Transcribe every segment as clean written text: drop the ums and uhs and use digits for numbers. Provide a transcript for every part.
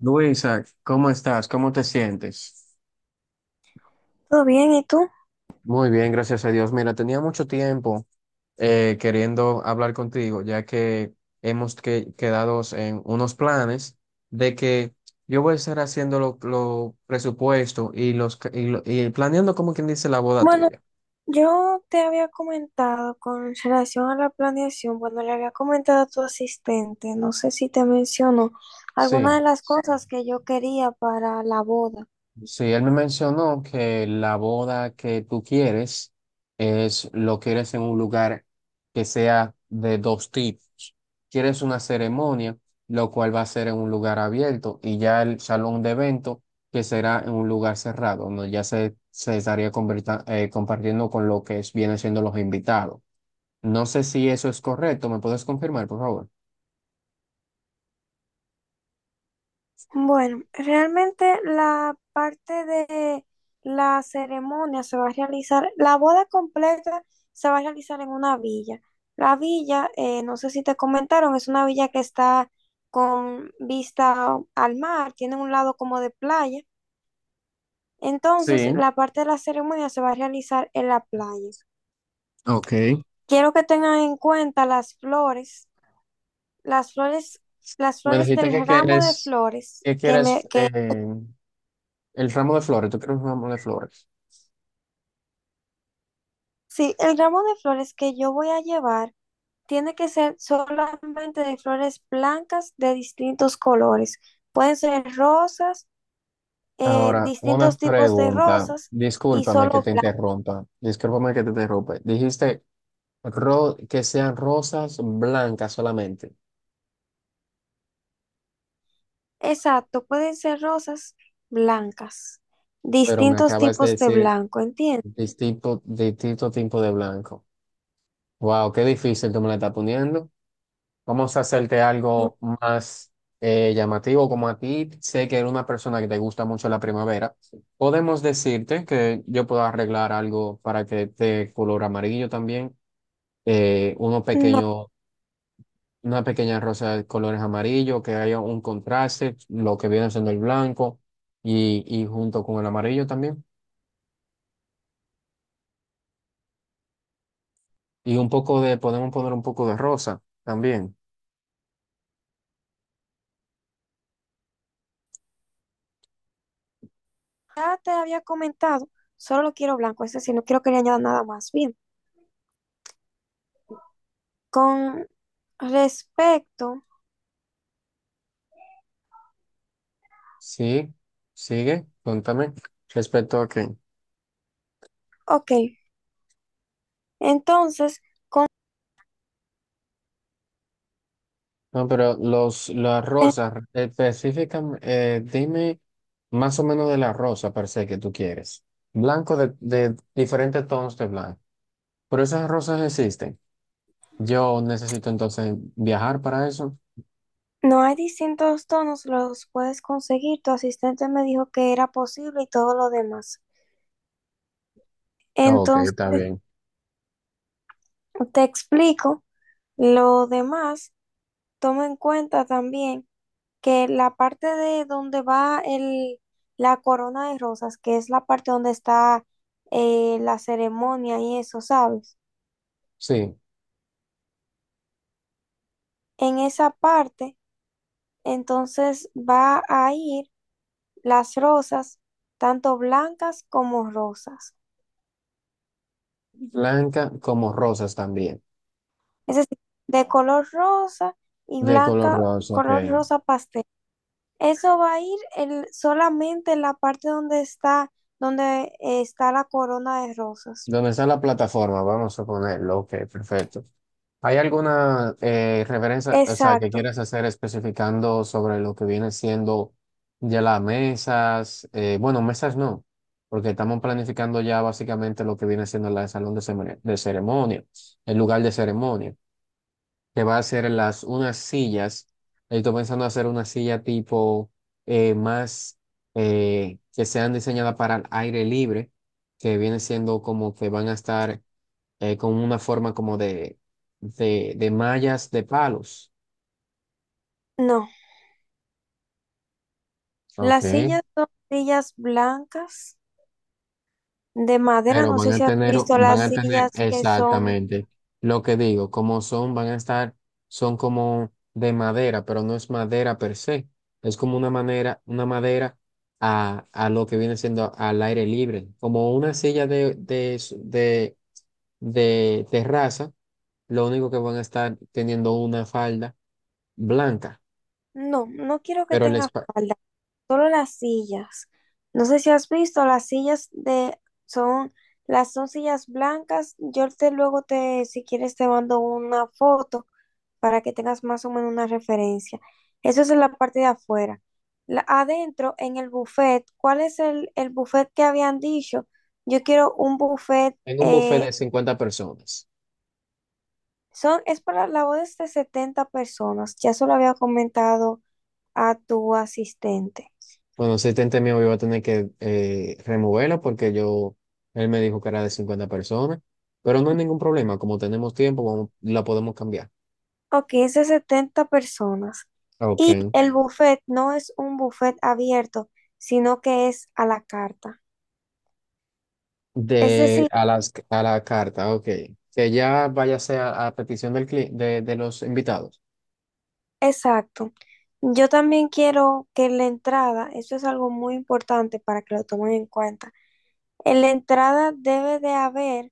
Luisa, ¿cómo estás? ¿Cómo te sientes? ¿Todo bien? ¿Y tú? Muy bien, gracias a Dios. Mira, tenía mucho tiempo queriendo hablar contigo, ya que hemos quedado en unos planes de que yo voy a estar haciendo los lo presupuesto y, los, ca- y, lo- y planeando, como quien dice, la boda Bueno, tuya. yo te había comentado con relación a la planeación, bueno, le había comentado a tu asistente, no sé si te mencionó Sí. algunas de las cosas que yo quería para la boda. Sí, él me mencionó que la boda que tú quieres es lo quieres en un lugar que sea de dos tipos. Quieres una ceremonia, lo cual va a ser en un lugar abierto, y ya el salón de evento, que será en un lugar cerrado, donde ya se estaría compartiendo con lo que es, vienen siendo los invitados. No sé si eso es correcto, ¿me puedes confirmar, por favor? Bueno, realmente la parte de la ceremonia se va a realizar, la boda completa se va a realizar en una villa. La villa, no sé si te comentaron, es una villa que está con vista al mar, tiene un lado como de playa. Entonces, Sí, la parte de la ceremonia se va a realizar en la playa. ok. Quiero que tengan en cuenta las flores, las flores, las Me flores dijiste del que ramo de quieres, flores que que me, quieres, que, eh, El ramo de flores, ¿tú quieres un ramo de flores? sí, el ramo de flores que yo voy a llevar tiene que ser solamente de flores blancas de distintos colores. Pueden ser rosas, Ahora, una distintos tipos de pregunta. rosas y Discúlpame que solo te blancas. interrumpa. Discúlpame que te interrumpa. Dijiste que sean rosas blancas solamente, Exacto, pueden ser rosas blancas, pero me distintos acabas de tipos de decir blanco, ¿entiendes? Distinto tipo de blanco. Wow, qué difícil tú me la estás poniendo. Vamos a hacerte algo más llamativo, como a ti sé que eres una persona que te gusta mucho la primavera. Podemos decirte que yo puedo arreglar algo para que te color amarillo también. Uno No, pequeño, una pequeña rosa de colores amarillo, que haya un contraste, lo que viene siendo el blanco y junto con el amarillo también. Y un poco de, podemos poner un poco de rosa también. ya te había comentado, solo lo quiero blanco, es decir, no quiero que le añada nada más. Bien, con respecto, Sí, sigue, cuéntame respecto a qué. ok, entonces No, pero las rosas, específicamente, dime más o menos de la rosa per se que tú quieres. Blanco de diferentes tonos de blanco. Pero esas rosas existen. Yo necesito entonces viajar para eso. no hay distintos tonos, los puedes conseguir. Tu asistente me dijo que era posible y todo lo demás. Ok, Entonces, está bien. te explico lo demás. Toma en cuenta también que la parte de donde va el, la corona de rosas, que es la parte donde está la ceremonia y eso, ¿sabes? Sí, En esa parte, entonces va a ir las rosas, tanto blancas como rosas. blanca como rosas también, Es decir, de color rosa y de color blanca, rosa, ok. color rosa pastel. Eso va a ir el, solamente en la parte donde está la corona de rosas. ¿Dónde está la plataforma? Vamos a ponerlo, ok, perfecto. ¿Hay alguna referencia, o sea, que Exacto. quieras hacer especificando sobre lo que viene siendo ya las mesas? Bueno, mesas no, porque estamos planificando ya básicamente lo que viene siendo la de salón de ceremonia, el lugar de ceremonia. Que va a hacer las unas sillas. Estoy pensando hacer una silla tipo más que sean diseñadas para el aire libre, que viene siendo como que van a estar con una forma como de mallas de palos. No. Ok, Las sillas son sillas blancas de madera. pero No sé si has visto van las a tener sillas que son. exactamente lo que digo, como son, van a estar, son como de madera, pero no es madera per se, es como una manera, una madera a lo que viene siendo al aire libre, como una silla de terraza, lo único que van a estar teniendo una falda blanca, No, no quiero que pero el tenga falda, solo las sillas. No sé si has visto las sillas de. Son. Las son sillas blancas. Yo te luego te, si quieres, te mando una foto para que tengas más o menos una referencia. Eso es en la parte de afuera. La- adentro, en el buffet, ¿cuál es el buffet que habían dicho? Yo quiero un buffet en un buffet de 50 personas. Son, es para la boda es de 70 personas. Ya se lo había comentado a tu asistente. Bueno, ese tente mío yo iba a tener que removerla porque yo, él me dijo que era de 50 personas, pero no hay ningún problema, como tenemos tiempo, la podemos cambiar. Ok, es de 70 personas. Ok. Y el buffet no es un buffet abierto, sino que es a la carta. Es De decir, a las a la carta, ok. Que ya váyase a petición de los invitados. exacto. Yo también quiero que la entrada, eso es algo muy importante para que lo tomen en cuenta. En la entrada debe de haber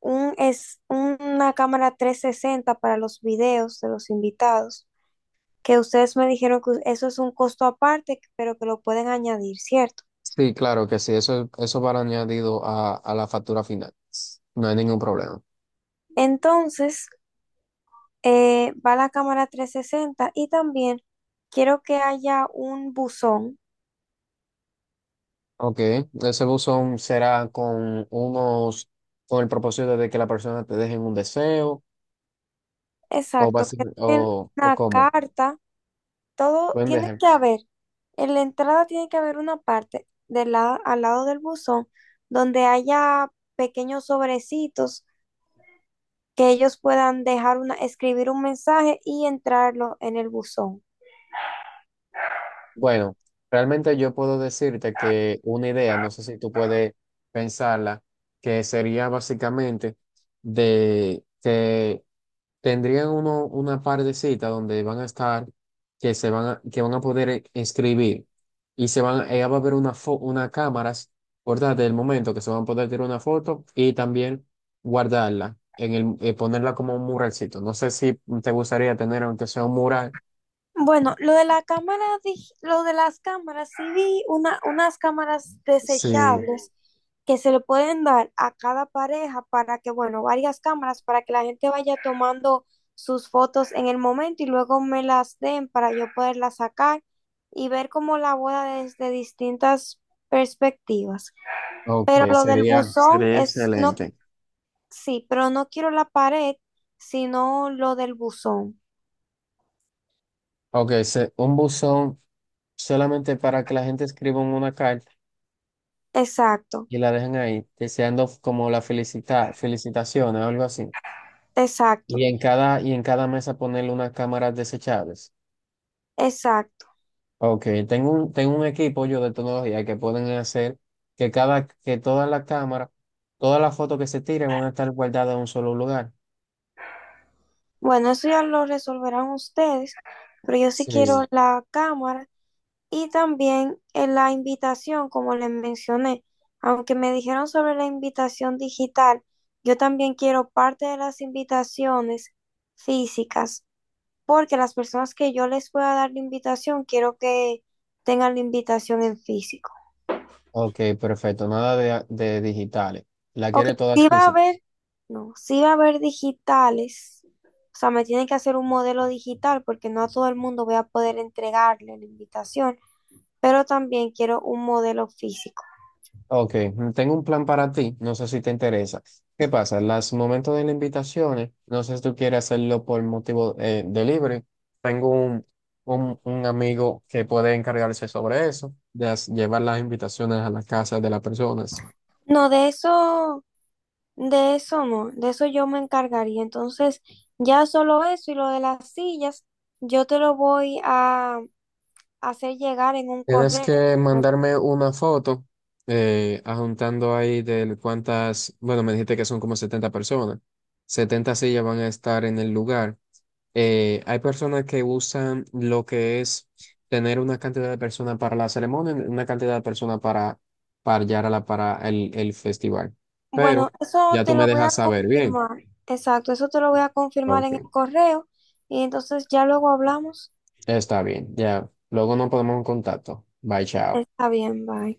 un, es, una cámara 360 para los videos de los invitados, que ustedes me dijeron que eso es un costo aparte, pero que lo pueden añadir, ¿cierto? Sí, claro que sí, eso va añadido a la factura final. No hay ningún problema. Entonces, va la cámara 360 y también quiero que haya un buzón, Ok, ese buzón será con unos, con el propósito de que la persona te deje un deseo. O, exacto, que tengan o una cómo. carta, todo Buen tiene que ejemplo. haber, en la entrada tiene que haber una parte del lado, al lado del buzón donde haya pequeños sobrecitos que ellos puedan dejar una, escribir un mensaje y entrarlo en el buzón. Bueno, realmente yo puedo decirte que una idea, no sé si tú puedes pensarla, que sería básicamente de que tendrían uno una partecita donde van a estar, que se van a, que van a poder escribir y se van, ella va a haber una cámaras, ¿verdad? Del momento que se van a poder tirar una foto y también guardarla en el, ponerla como un muralcito. No sé si te gustaría tener aunque sea un mural. Bueno, lo de la cámara, dig- lo de las cámaras, sí vi una, unas cámaras Sí, desechables que se le pueden dar a cada pareja para que, bueno, varias cámaras para que la gente vaya tomando sus fotos en el momento y luego me las den para yo poderlas sacar y ver como la boda desde distintas perspectivas. ok, Pero lo del sería, buzón sería es, no, excelente. sí, pero no quiero la pared, sino lo del buzón. Ok, un buzón solamente para que la gente escriba en una carta Exacto, y la dejen ahí, deseando como la felicita, felicitaciones o algo así. exacto, Y en cada mesa ponerle unas cámaras desechables. exacto. Ok, tengo un equipo yo de tecnología que pueden hacer que cada, que todas las cámaras, todas las fotos que se tiren van a estar guardadas en un solo lugar. Bueno, eso ya lo resolverán ustedes, pero yo sí quiero Sí, la cámara y también la invitación, como les mencioné. Aunque me dijeron sobre la invitación digital, yo también quiero parte de las invitaciones físicas, porque las personas que yo les pueda dar la invitación, quiero que tengan la invitación en físico. ok, perfecto, nada de digitales. La Ok, quiere todas sí va a físicas. haber, no, sí va a haber digitales. O sea, me tienen que hacer un modelo digital porque no a todo el mundo voy a poder entregarle la invitación, pero también quiero un modelo físico. Ok, tengo un plan para ti, no sé si te interesa. ¿Qué pasa? Los momentos de las invitaciones, no sé si tú quieres hacerlo por motivo de libre. Tengo un amigo que puede encargarse sobre eso, de llevar las invitaciones a las casas de las personas. No, de eso no, de eso yo me encargaría. Entonces, ya solo eso y lo de las sillas, yo te lo voy a hacer llegar en un Tienes correo. que mandarme una foto, adjuntando ahí de cuántas, bueno, me dijiste que son como 70 personas. 70 sillas van a estar en el lugar. Hay personas que usan lo que es tener una cantidad de personas para la ceremonia, una cantidad de personas para Yarala, para el festival. Bueno, Pero eso ya tú te me lo voy a dejas saber bien. confirmar. Exacto, eso te lo voy a confirmar Ok, en el correo y entonces ya luego hablamos. está bien. Ya, luego nos ponemos en contacto. Bye, chao. Está bien, bye.